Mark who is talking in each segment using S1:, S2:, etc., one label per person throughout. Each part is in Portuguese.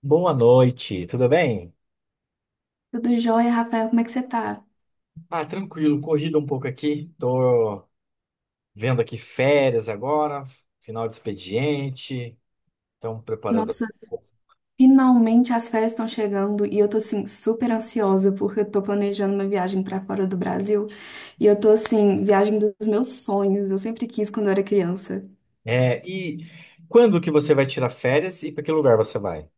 S1: Boa noite, tudo bem?
S2: Tudo jóia, Rafael? Como é que você tá?
S1: Ah, tranquilo, corrido um pouco aqui. Tô vendo aqui férias agora, final de expediente, então preparando.
S2: Nossa, finalmente as férias estão chegando e eu tô assim super ansiosa porque eu tô planejando uma viagem pra fora do Brasil e eu tô assim, viagem dos meus sonhos. Eu sempre quis quando eu era criança.
S1: E quando que você vai tirar férias e para que lugar você vai?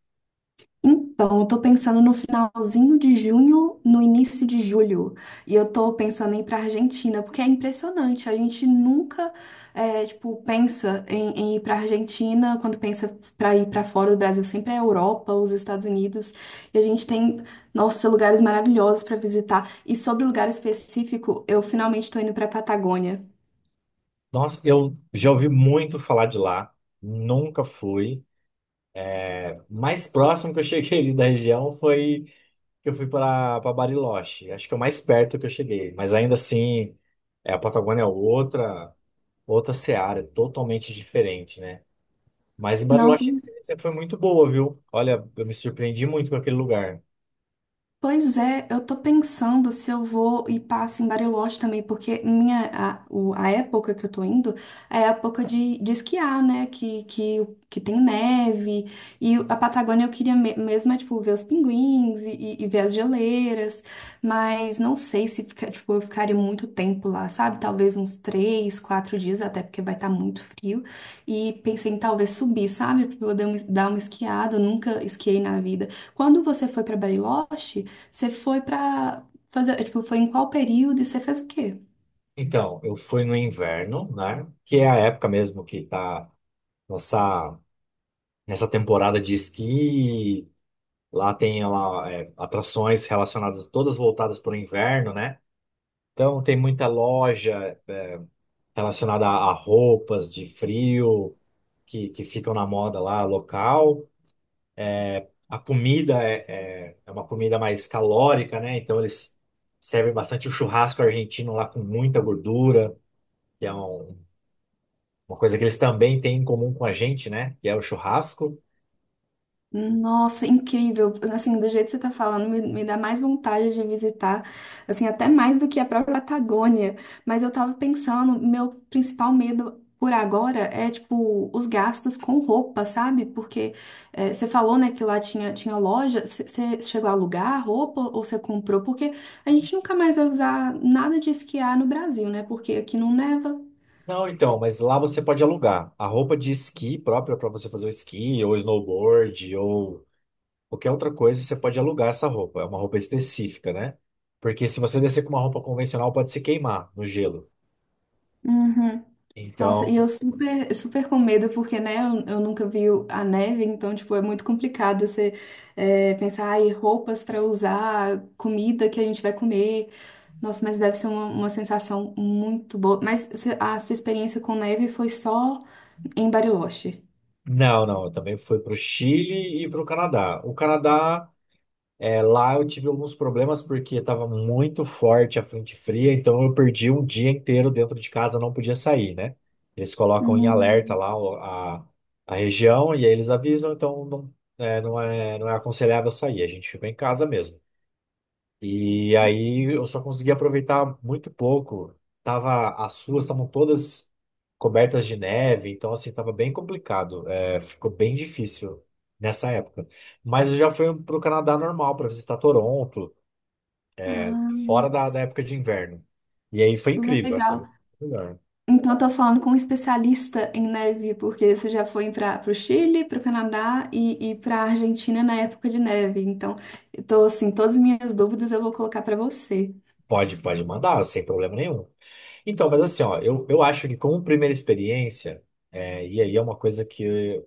S2: Então, eu tô pensando no finalzinho de junho, no início de julho. E eu tô pensando em ir pra Argentina, porque é impressionante. A gente nunca, pensa em ir pra Argentina. Quando pensa pra ir pra fora do Brasil, sempre é a Europa, os Estados Unidos. E a gente tem, nossa, lugares maravilhosos pra visitar. E sobre o lugar específico, eu finalmente tô indo pra Patagônia.
S1: Nossa, eu já ouvi muito falar de lá, nunca fui. Mais próximo que eu cheguei ali da região foi que eu fui para Bariloche. Acho que é o mais perto que eu cheguei, mas ainda assim, a Patagônia é outra, outra seara, totalmente diferente, né? Mas em
S2: Não.
S1: Bariloche a experiência foi muito boa, viu? Olha, eu me surpreendi muito com aquele lugar.
S2: Pois é, eu tô pensando se eu vou e passo em Bariloche também, porque a época que eu tô indo é a época de esquiar, né? Que tem neve. E a Patagônia eu queria mesmo, é, tipo, ver os pinguins e ver as geleiras. Mas não sei se fica, tipo, eu ficaria muito tempo lá, sabe? Talvez uns três, quatro dias, até porque vai estar muito frio. E pensei em talvez subir, sabe? Pra poder dar uma esquiada. Eu nunca esquiei na vida. Quando você foi para Bariloche, você foi pra fazer, tipo, foi em qual período e você fez o quê?
S1: Então, eu fui no inverno, né? Que é a época mesmo que tá nessa, nessa temporada de esqui. Lá tem lá, atrações relacionadas, todas voltadas para o inverno, né? Então, tem muita loja relacionada a roupas de frio que ficam na moda lá local. A comida é uma comida mais calórica, né? Então eles servem bastante o churrasco argentino lá com muita gordura, que é um- uma coisa que eles também têm em comum com a gente, né? Que é o churrasco.
S2: Nossa, incrível. Assim, do jeito que você tá falando, me dá mais vontade de visitar, assim, até mais do que a própria Patagônia. Mas eu tava pensando, meu principal medo por agora é, tipo, os gastos com roupa, sabe? Porque você falou, né, que lá tinha loja. Você chegou a alugar roupa ou você comprou? Porque a gente nunca mais vai usar nada de esquiar no Brasil, né? Porque aqui não neva.
S1: Não, então, mas lá você pode alugar a roupa de esqui própria para você fazer o esqui, ou snowboard, ou qualquer outra coisa, você pode alugar essa roupa. É uma roupa específica, né? Porque se você descer com uma roupa convencional, pode se queimar no gelo.
S2: Uhum. Nossa, e
S1: Então.
S2: eu super, super com medo, porque, né, eu nunca vi a neve, então, tipo, é muito complicado você é, pensar, ai, roupas para usar, comida que a gente vai comer. Nossa, mas deve ser uma sensação muito boa. Mas a sua experiência com neve foi só em Bariloche?
S1: Não, não, eu também fui para o Chile e para o Canadá. O Canadá, lá eu tive alguns problemas porque estava muito forte a frente fria, então eu perdi um dia inteiro dentro de casa, não podia sair, né? Eles colocam em alerta
S2: Hum.
S1: lá o- a região e aí eles avisam, então não é aconselhável sair, a gente ficou em casa mesmo. E aí eu só consegui aproveitar muito pouco. Tava, as ruas estavam todas cobertas de neve, então assim, tava bem complicado. É, ficou bem difícil nessa época. Mas eu já fui pro Canadá normal para visitar Toronto,
S2: Ah,
S1: fora da época de inverno. E aí foi incrível essa
S2: legal.
S1: melhor.
S2: Então, eu tô falando com um especialista em neve, porque você já foi para o Chile, para o Canadá e para a Argentina na época de neve. Então, eu tô assim, todas as minhas dúvidas eu vou colocar para você.
S1: Pode, pode mandar, sem problema nenhum. Então, mas assim, ó, eu acho que como primeira experiência, e aí é uma coisa que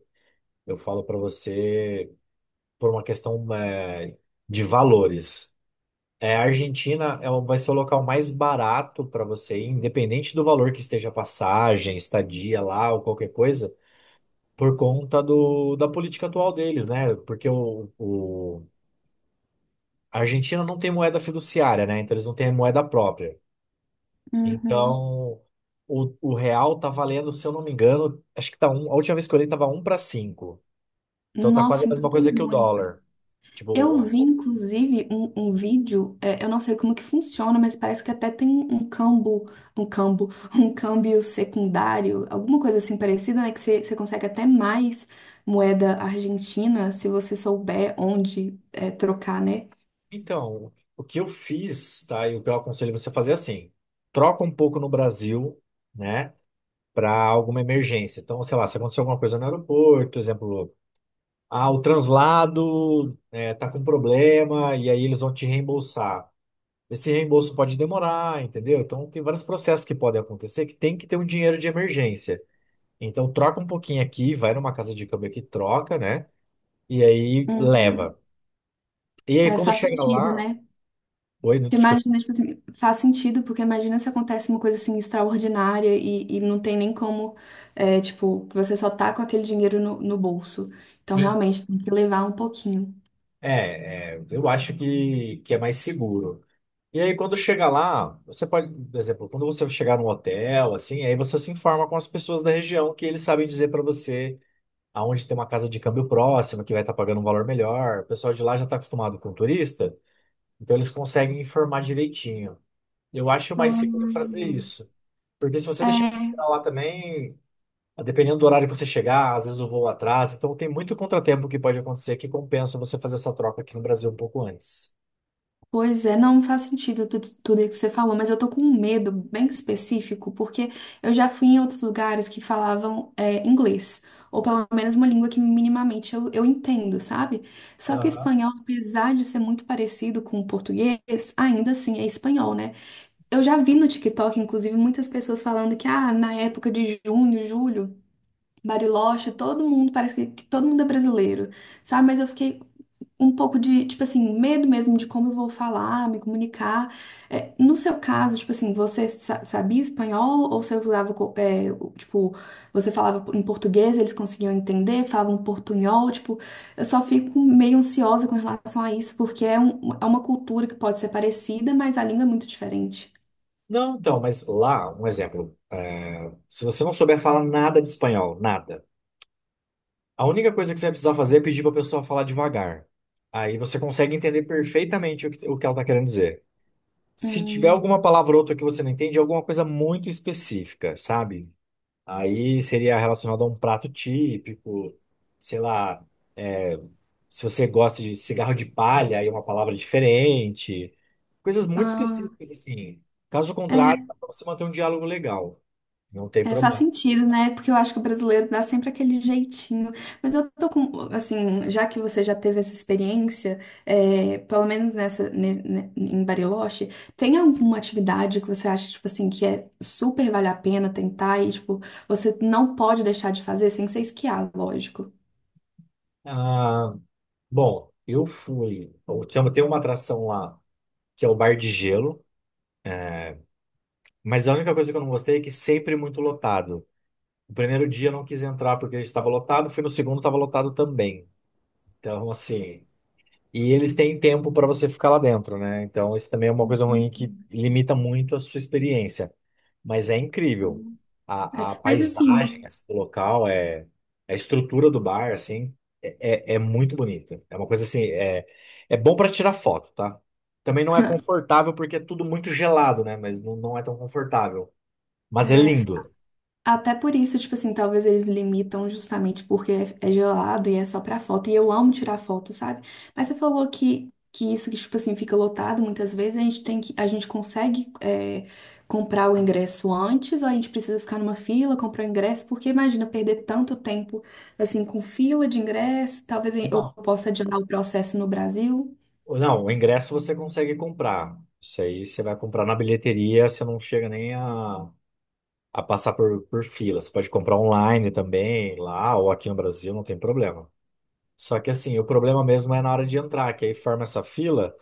S1: eu falo para você, por uma questão de valores. A Argentina vai ser o local mais barato para você ir, independente do valor que esteja a passagem, estadia lá ou qualquer coisa, por conta da política atual deles, né? A Argentina não tem moeda fiduciária, né? Então eles não têm moeda própria.
S2: Uhum.
S1: Então o real tá valendo, se eu não me engano, acho que tá um, a última vez que eu olhei tava um para cinco. Então tá quase
S2: Nossa,
S1: a
S2: então
S1: mesma
S2: tem
S1: coisa que o
S2: muito.
S1: dólar.
S2: Eu
S1: Tipo.
S2: vi, inclusive, um vídeo, é, eu não sei como que funciona, mas parece que até tem um cambo, um cambo, um câmbio secundário, alguma coisa assim parecida, né? Que você consegue até mais moeda argentina se você souber onde é, trocar, né?
S1: Então, o que eu fiz, tá? E o que eu aconselho você a fazer é assim: troca um pouco no Brasil, né? Para alguma emergência. Então, sei lá, se aconteceu alguma coisa no aeroporto, exemplo, ah, o translado tá com problema e aí eles vão te reembolsar. Esse reembolso pode demorar, entendeu? Então, tem vários processos que podem acontecer que tem que ter um dinheiro de emergência. Então, troca um pouquinho aqui, vai numa casa de câmbio aqui, troca, né? E aí
S2: Uhum.
S1: leva. E aí,
S2: É,
S1: quando É,
S2: faz
S1: chega
S2: sentido,
S1: lá.
S2: né?
S1: Oi,
S2: Porque
S1: desculpa.
S2: imagina, tipo assim, faz sentido, porque imagina se acontece uma coisa assim extraordinária e não tem nem como, é, tipo, que você só tá com aquele dinheiro no bolso. Então, realmente, tem que levar um pouquinho.
S1: Eu acho que é mais seguro. E aí, quando chega lá, você pode, por exemplo, quando você chegar num hotel, assim, aí você se informa com as pessoas da região que eles sabem dizer para você aonde tem uma casa de câmbio próxima, que vai estar pagando um valor melhor. O pessoal de lá já está acostumado com turista, então eles conseguem informar direitinho. Eu acho mais seguro fazer
S2: Uhum.
S1: isso. Porque se você deixar pra lá também, dependendo do horário que você chegar, às vezes o voo atrasa, então tem muito contratempo que pode acontecer que compensa você fazer essa troca aqui no Brasil um pouco antes.
S2: Pois é, não faz sentido tudo isso que você falou, mas eu tô com um medo bem específico, porque eu já fui em outros lugares que falavam é, inglês, ou pelo menos uma língua que minimamente eu entendo, sabe? Só que o
S1: Aham.
S2: espanhol, apesar de ser muito parecido com o português, ainda assim é espanhol, né? Eu já vi no TikTok, inclusive, muitas pessoas falando que, ah, na época de junho, julho, Bariloche, todo mundo, parece que todo mundo é brasileiro, sabe? Mas eu fiquei um pouco de, tipo assim, medo mesmo de como eu vou falar, me comunicar. É, no seu caso, tipo assim, você sabia espanhol ou você usava, é, tipo, você falava em português, eles conseguiam entender, falavam portunhol, tipo, eu só fico meio ansiosa com relação a isso, porque é, é uma cultura que pode ser parecida, mas a língua é muito diferente.
S1: Não, então, mas lá, um exemplo, se você não souber falar nada de espanhol, nada, a única coisa que você vai precisar fazer é pedir para a pessoa falar devagar. Aí você consegue entender perfeitamente o que ela está querendo dizer. Se tiver
S2: Hum,
S1: alguma palavra ou outra que você não entende, é alguma coisa muito específica, sabe? Aí seria relacionado a um prato típico, sei lá, é, se você gosta de cigarro de palha, aí é uma palavra diferente. Coisas muito
S2: ah.
S1: específicas, assim. Caso contrário,
S2: é,
S1: dá pra você manter um diálogo legal. Não tem
S2: É, faz
S1: problema.
S2: sentido, né? Porque eu acho que o brasileiro dá sempre aquele jeitinho. Mas eu tô com, assim, já que você já teve essa experiência, é, pelo menos nessa, em Bariloche, tem alguma atividade que você acha, tipo assim, que é super vale a pena tentar e, tipo, você não pode deixar de fazer sem ser esquiar, lógico.
S1: Ah, bom, eu fui. Eu tinha- tem uma atração lá, que é o Bar de Gelo. Mas a única coisa que eu não gostei é que sempre é muito lotado. O primeiro dia eu não quis entrar porque estava lotado, fui no segundo, estava lotado também. Então, assim. E eles têm tempo para você ficar lá dentro, né? Então, isso também é uma coisa ruim que limita muito a sua experiência. Mas é incrível.
S2: É,
S1: A
S2: mas assim,
S1: paisagem, assim, do local, é, a estrutura do bar, assim, é muito bonita. É uma coisa assim, é, é bom para tirar foto, tá? Também não é confortável porque é tudo muito gelado, né? Mas não, não é tão confortável. Mas é lindo.
S2: Até por isso, tipo assim, talvez eles limitam justamente porque é gelado e é só pra foto. E eu amo tirar foto, sabe? Mas você falou que isso que, tipo assim, fica lotado muitas vezes, a gente tem que, a gente consegue é, comprar o ingresso antes, ou a gente precisa ficar numa fila, comprar o ingresso, porque imagina perder tanto tempo assim com fila de ingresso, talvez eu
S1: Não.
S2: possa adiantar o processo no Brasil.
S1: Não, o ingresso você consegue comprar. Isso aí você vai comprar na bilheteria, você não chega nem a, a passar por fila. Você pode comprar online também, lá ou aqui no Brasil, não tem problema. Só que assim, o problema mesmo é na hora de entrar, que aí forma essa fila.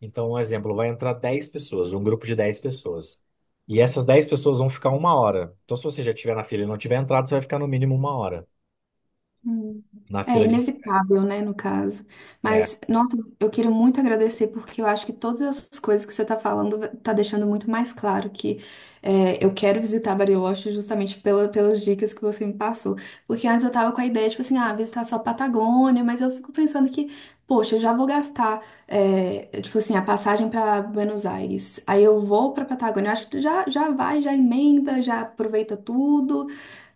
S1: Então, um exemplo, vai entrar 10 pessoas, um grupo de 10 pessoas. E essas 10 pessoas vão ficar uma hora. Então, se você já estiver na fila e não tiver entrado, você vai ficar no mínimo uma hora
S2: Hum.
S1: na
S2: É
S1: fila de espera.
S2: inevitável, né, no caso.
S1: É,
S2: Mas, nossa, eu quero muito agradecer, porque eu acho que todas essas coisas que você está falando está deixando muito mais claro que é, eu quero visitar Bariloche justamente pela, pelas dicas que você me passou. Porque antes eu tava com a ideia, tipo assim, ah, visitar só Patagônia, mas eu fico pensando que, poxa, eu já vou gastar, é, tipo assim, a passagem para Buenos Aires. Aí eu vou para Patagônia, eu acho que tu já, já vai, já emenda, já aproveita tudo.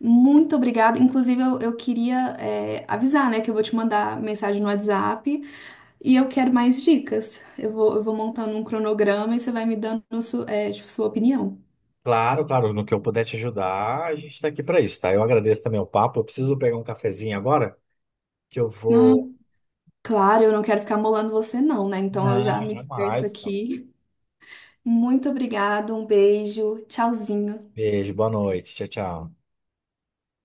S2: Muito obrigada. Inclusive, eu queria, é, avisar, né, que eu vou te mandar mensagem no WhatsApp e eu quero mais dicas. Eu vou montando um cronograma e você vai me dando é, tipo, sua opinião.
S1: claro, claro, no que eu puder te ajudar, a gente tá aqui para isso, tá? Eu agradeço também o papo. Eu preciso pegar um cafezinho agora, que eu
S2: Ah,
S1: vou.
S2: claro, eu não quero ficar molando você, não, né? Então eu já
S1: Não,
S2: me despeço
S1: jamais.
S2: aqui. Muito obrigada, um beijo, tchauzinho.
S1: Beijo, boa noite. Tchau, tchau.